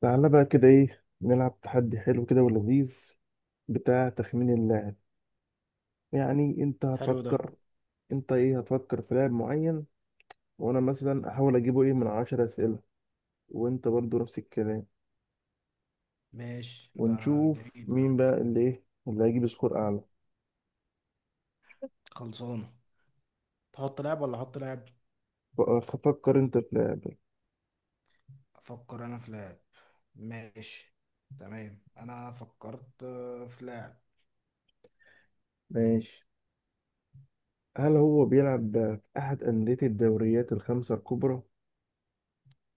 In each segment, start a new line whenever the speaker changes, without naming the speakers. تعالى بقى كده، ايه نلعب تحدي حلو كده ولذيذ بتاع تخمين اللاعب. يعني انت
حلو ده.
هتفكر، انت ايه هتفكر في لاعب معين وانا مثلا احاول اجيبه ايه من 10 اسئلة، وانت برضو نفس الكلام،
ماشي، ده
ونشوف
جميل ده.
مين بقى اللي ايه اللي هيجيب سكور اعلى.
خلصانة. تحط لعب ولا احط لعب؟
ف- فكر انت في لاعب.
افكر انا في لعب. ماشي. تمام، انا فكرت في لعب.
ماشي. هل هو بيلعب في احد اندية الدوريات الخمسة الكبرى؟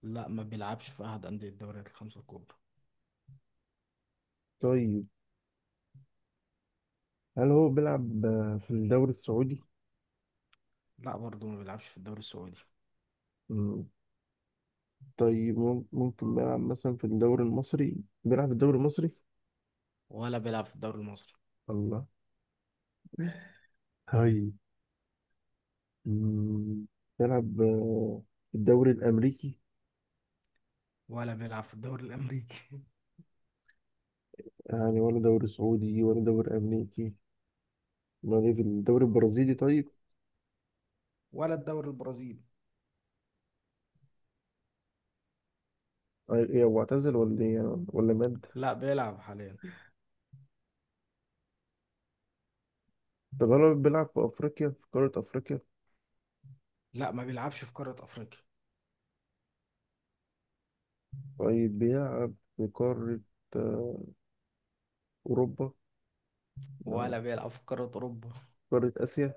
لا، ما بيلعبش في احد اندية الدوريات الخمسة الكبرى.
طيب، هل هو بيلعب في الدوري السعودي؟
لا، برضه ما بيلعبش في الدوري السعودي.
طيب ممكن نلعب مثلا في الدوري المصري، بيلعب في الدوري المصري؟
ولا بيلعب في الدوري المصري.
الله. هاي. مم، بيلعب في الدوري الأمريكي؟
ولا بيلعب في الدوري الامريكي.
يعني ولا دوري سعودي ولا دوري أمريكي، ما ليه في الدوري البرازيلي طيب.
ولا الدوري البرازيلي.
إيه هو اعتزل ولا إيه يعني؟ ولا مات؟
لا، بيلعب حاليا.
طب هل بيلعب في أفريقيا، في قارة أفريقيا؟
لا، ما بيلعبش في قارة افريقيا.
طيب بيلعب في قارة آه، أوروبا؟ لا، لا.
ولا بيلعب في قارة أوروبا.
قارة آسيا.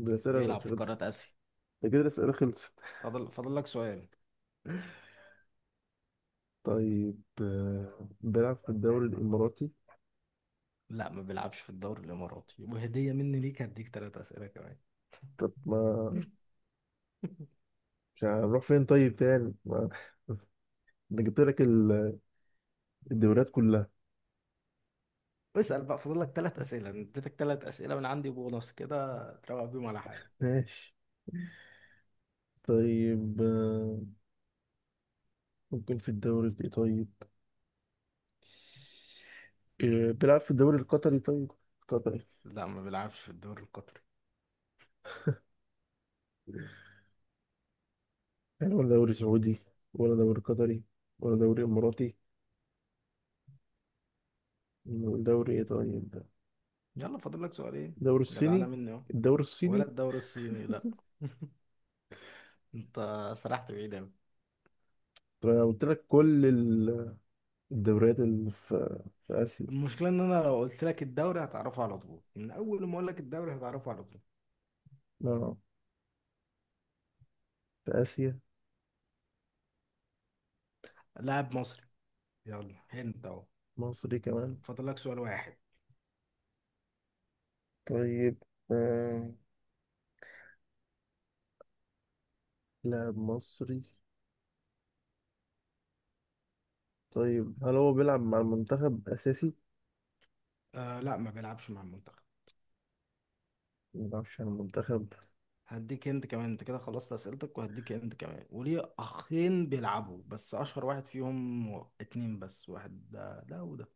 الأسئلة
بيلعب في
خلصت.
قارة اسيا.
ده كده الأسئلة خلصت.
فاضل لك سؤال.
طيب بيلعب في الدوري الإماراتي؟
لا، ما بيلعبش في الدوري الاماراتي، وهديه مني ليك، هديك 3 اسئله كمان.
طب ما مش هنروح فين طيب تاني، ما انا جبت لك الدوريات كلها.
اسال بقى، فاضل لك 3 اسئله. أنا اديتك 3 اسئله من عندي بونص كده، تروق بيهم على حالك.
ماشي. طيب ممكن في الدوري ايه طيب، بيلعب في الدوري القطري طيب؟ قطري؟
لا، ما بيلعبش في الدوري القطري.
يعني ولا دوري سعودي، ولا دوري قطري، ولا دوري اماراتي، ولا دوري ايه طيب ده؟
يلا، فاضل لك سؤالين.
الدوري
جدعانه
الصيني.
مني اهو.
الدوري الصيني.
ولا الدوري الصيني، لا. انت سرحت بعيد اوي.
طب انا قلت لك كل الدوريات اللي في اسيا.
المشكله ان انا لو قلت لك الدوري هتعرفه على طول، من اول ما اقول لك الدوري هتعرفه على طول.
اه، في اسيا.
لاعب مصري. يلا، هنت اهو.
مصري كمان؟
فاضل لك سؤال واحد.
طيب آه، لاعب مصري. طيب هل هو بيلعب مع المنتخب أساسي؟
آه، لا، ما بيلعبش مع المنتخب.
ما بيلعبش على المنتخب.
هديك انت كمان، انت كده خلصت اسئلتك، وهديك انت كمان، وليه اخين بيلعبوا، بس اشهر واحد فيهم. اتنين بس، واحد ده وده.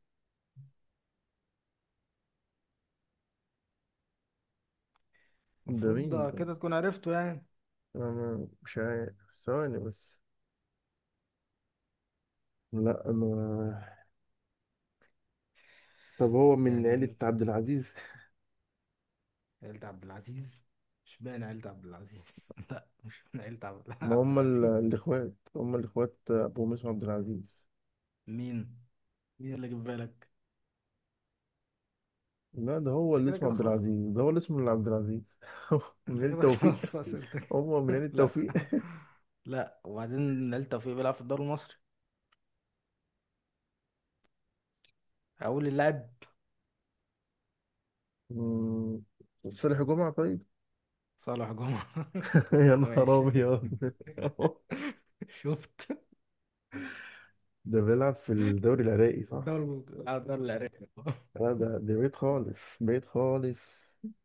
ده
المفروض
مين
ده
ده؟
كده تكون عرفته يعني.
أنا مش عارف. ثواني بس. لا، أنا طب هو من
يعني
عيلة
انت،
عبد العزيز؟
عيلة عبد العزيز؟ مش باين عيلة عبد العزيز. لا، مش من عيلة عبد
ما
عبد
هم
العزيز.
الإخوات أبو مسلم عبد العزيز.
مين مين اللي جه في بالك؟
لا، ده هو
انت
اللي
كده
اسمه
كده
عبد
خلصت.
العزيز، ده هو اللي اسمه اللي عبد العزيز من
انت
عيلة
كده
توفيق.
خلصت اسئلتك.
هو من عيلة
لا،
توفيق؟
لا، وبعدين عيلة توفيق بيلعب في الدوري المصري. هقول اللاعب.
مم، صالح جمعة طيب.
صالح جمعة؟
يا نهار
ماشي.
أبيض.
شفت؟
ده بيلعب في الدوري العراقي صح؟
دول اللي عرفته.
لا، ده بعيد خالص، بعيد خالص.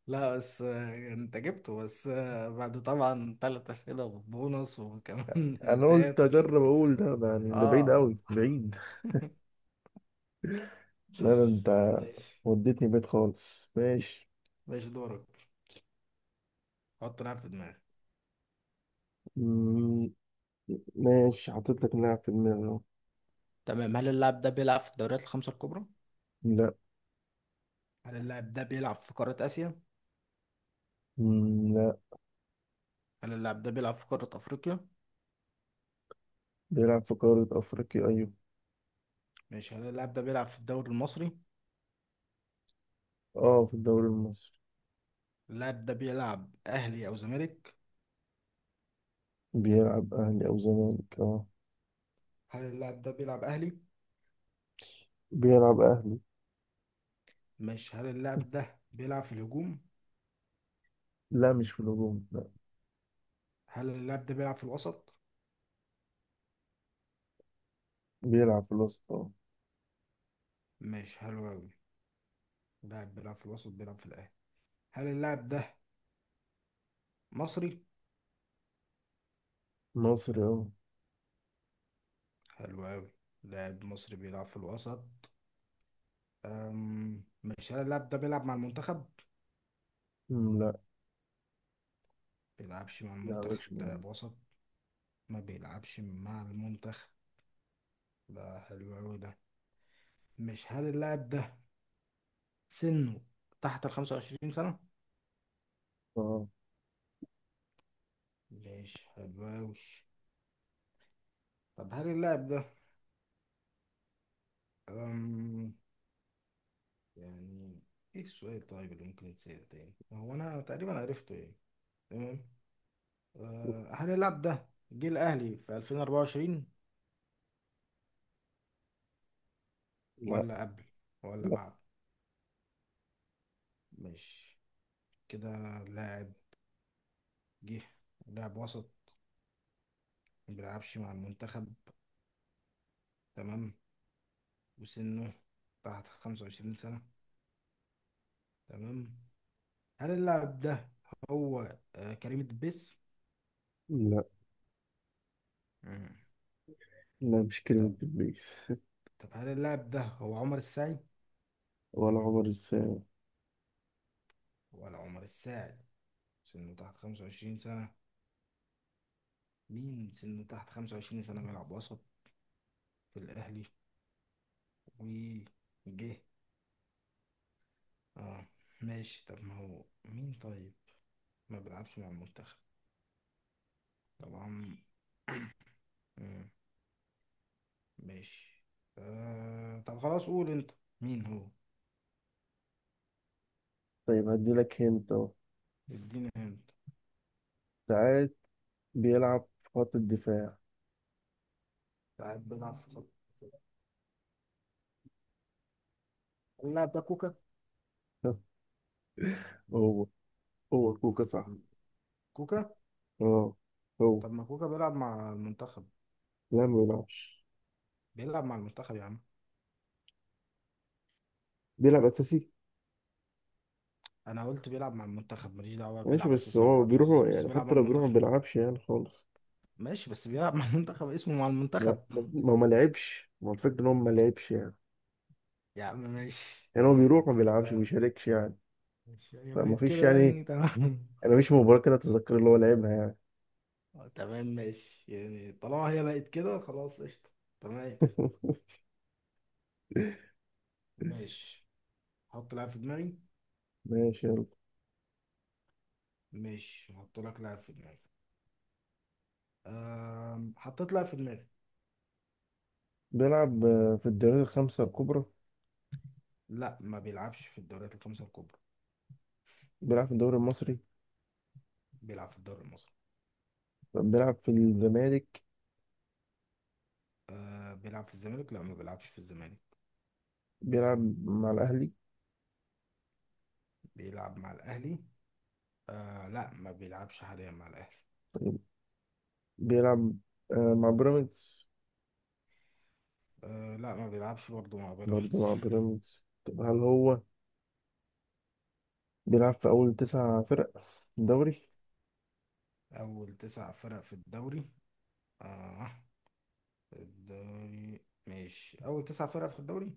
لا، بس انت جبته، بس بعد طبعا ثلاث اسئله وبونص وكمان
انا قلت
انتات.
اجرب اقول ده يعني ده بعيد
اه.
قوي بعيد. لا، ده انت
ماشي،
وديتني بعيد خالص. ماشي.
ماشي دورك. حط لاعب في دماغك.
مم، ماشي حطيت لك لاعب في دماغي أهو.
تمام، هل اللاعب ده بيلعب في الدوريات الخمسة الكبرى؟
لا.
هل اللاعب ده بيلعب في قاره اسيا؟
مم، لا.
هل اللاعب ده بيلعب في قاره افريقيا؟
بيلعب في قارة افريقيا، ايوه.
ماشي، هل اللاعب ده بيلعب في الدوري المصري؟
اه، في الدوري المصري.
اللاعب ده بيلعب اهلي او زمالك؟
بيلعب اهلي او زمالك، اه.
هل اللاعب ده بيلعب اهلي؟
بيلعب اهلي.
ماشي، هل اللاعب ده بيلعب في الهجوم؟
لا، مش في الهجوم، لا.
هل اللاعب ده بيلعب في الوسط؟
بيلعب في الوسط، اه.
ماشي، حلو أوي. لاعب بيلعب في الوسط، بيلعب في الأهلي. هل اللاعب ده مصري؟
مصري، اه.
حلو أوي. لاعب مصري بيلعب في الوسط. ماشي، هل اللاعب ده بيلعب مع المنتخب؟
مم، لا،
بيلعبش مع
لا،
المنتخب،
مش مصري.
لاعب وسط. ما بيلعبش مع المنتخب. ده حلو أوي ده. مش هل اللاعب ده، سنه تحت ال 25 سنة؟
اه.
ماشي، حلو أوي. طب هل اللاعب ده، أم، يعني، ايه السؤال طيب اللي ممكن يتسأل تاني؟ هو أنا تقريبا عرفته يعني. تمام. هنلعب ده. جه الأهلي في 2024؟
لا،
ولا قبل، ولا
لا،
بعد؟ ماشي. كده لاعب جه، لاعب وسط، ما بيلعبش مع المنتخب، تمام. وسنه تحت 25 سنة، تمام. هل اللاعب ده هو كريم الدبيس؟
لا،
مم.
لا، مش
طب،
كلمة إبليس.
هل اللاعب ده هو عمر السعي؟
ولا عمر السام؟
ولا عمر السعي؟ سنه تحت 25 سنة. مين سنه تحت 25 سنة بيلعب وسط في الأهلي وجه؟ اه، ماشي. طب ما هو مين طيب، ما بيلعبش مع المنتخب طبعا. مم، ماشي، طب خلاص، قول انت مين هو.
طيب هدي لك هنت أهو.
اديني هنت.
ساعات بيلعب في خط الدفاع.
لاعب بيلعب في خط. اللاعب ده كوكا.
هو هو كوكا
طب
صح.
كوكا؟
اه، هو.
طب ما كوكا بيلعب مع المنتخب.
لا، ما بيلعبش،
بيلعب مع المنتخب يا عم.
بيلعب أساسي.
انا قلت بيلعب مع المنتخب، ماليش دعوه
ماشي،
بيلعب
بس
اساسي ما
هو
بيلعبش اساسي،
بيروح
بس
يعني
بيلعب مع
حتى لو بيروح ما
المنتخب.
بيلعبش يعني خالص.
ماشي، بس بيلعب مع المنتخب، اسمه مع
ما
المنتخب.
ما ما ما لعبش ما هو الفكرة إن هو ما لعبش يعني
يا عم ماشي،
يعني هو
تمام،
بيروح ما
انت
بيلعبش، ما
كده.
بيشاركش يعني.
ماشي، هي
فما
بقت
فيش
كده
يعني.
يعني، تمام.
أنا مفيش مباراة كده أتذكر اللي هو لعبها يعني.
تمام، ماشي، يعني طالما هي بقت كده خلاص، قشطة. تمام. ماشي، حط لاعب في دماغي.
ماشي يلا.
ماشي، هحط لك لاعب في دماغي. حطيت لاعب في دماغي.
بيلعب في الدوري الخمسة الكبرى؟
لا، ما بيلعبش في الدوريات الخمسة الكبرى.
بيلعب في الدوري المصري.
بيلعب في الدوري المصري.
بيلعب في الزمالك.
أه، بيلعب في الزمالك؟ لا، ما بيلعبش في الزمالك.
بيلعب مع الأهلي.
بيلعب مع الأهلي؟ أه، لا، ما بيلعبش حاليا مع الأهلي.
بيلعب مع بيراميدز.
أه، لا، ما بيلعبش برضه مع
برضه
بيراميدز.
مع بيراميدز. طب هل هو بيلعب في أول 9 فرق في الدوري؟
أول 9 فرق في الدوري؟ أه، الدوري، ماشي، أول 9 فرق في الدوري.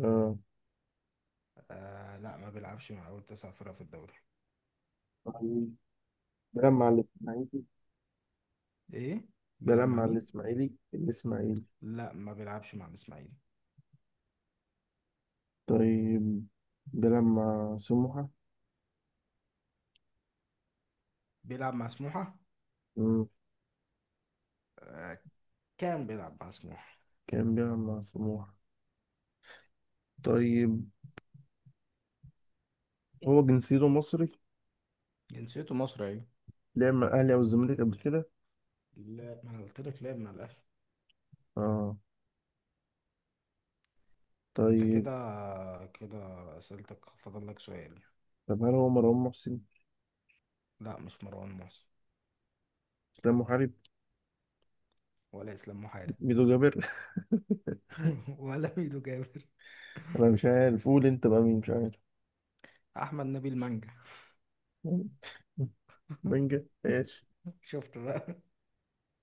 آه.
آه، لا، ما بيلعبش مع أول 9 فرق في الدوري.
طيب، بيلعب مع الإسماعيلي.
إيه؟ بيلعب
بيلعب
مع
مع
مين؟
الإسماعيلي الإسماعيلي؟
لا، ما بيلعبش مع الإسماعيلي.
طيب بيلعب مع سموحة.
بيلعب مع سموحة.
مم.
آه، كان بيلعب مع سموحة.
كان بيلعب مع سموحة. طيب هو جنسيته مصري.
جنسيته مصري، أيوة.
لعب مع الأهلي أو الزمالك قبل كده؟
لا، ما أنا قلت لك لعب مع الأهلي.
اه.
أنت كده
طيب.
كده أسئلتك، فاضل لك سؤال.
طب هل هو مروان محسن؟
لا، مش مروان محسن.
ده محارب؟
ولا إسلام محارب.
ميدو جابر؟
ولا ميدو جابر.
انا مش عارف، قول انت بقى مين، مش عارف.
أحمد نبيل مانجا.
بنجا، ماشي.
شفت بقى؟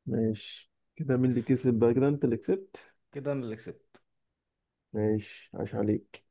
ماشي كده، مين اللي كسب بقى كده؟ انت اللي كسبت.
كده أنا اللي كسبت.
ماشي، عاش عليك.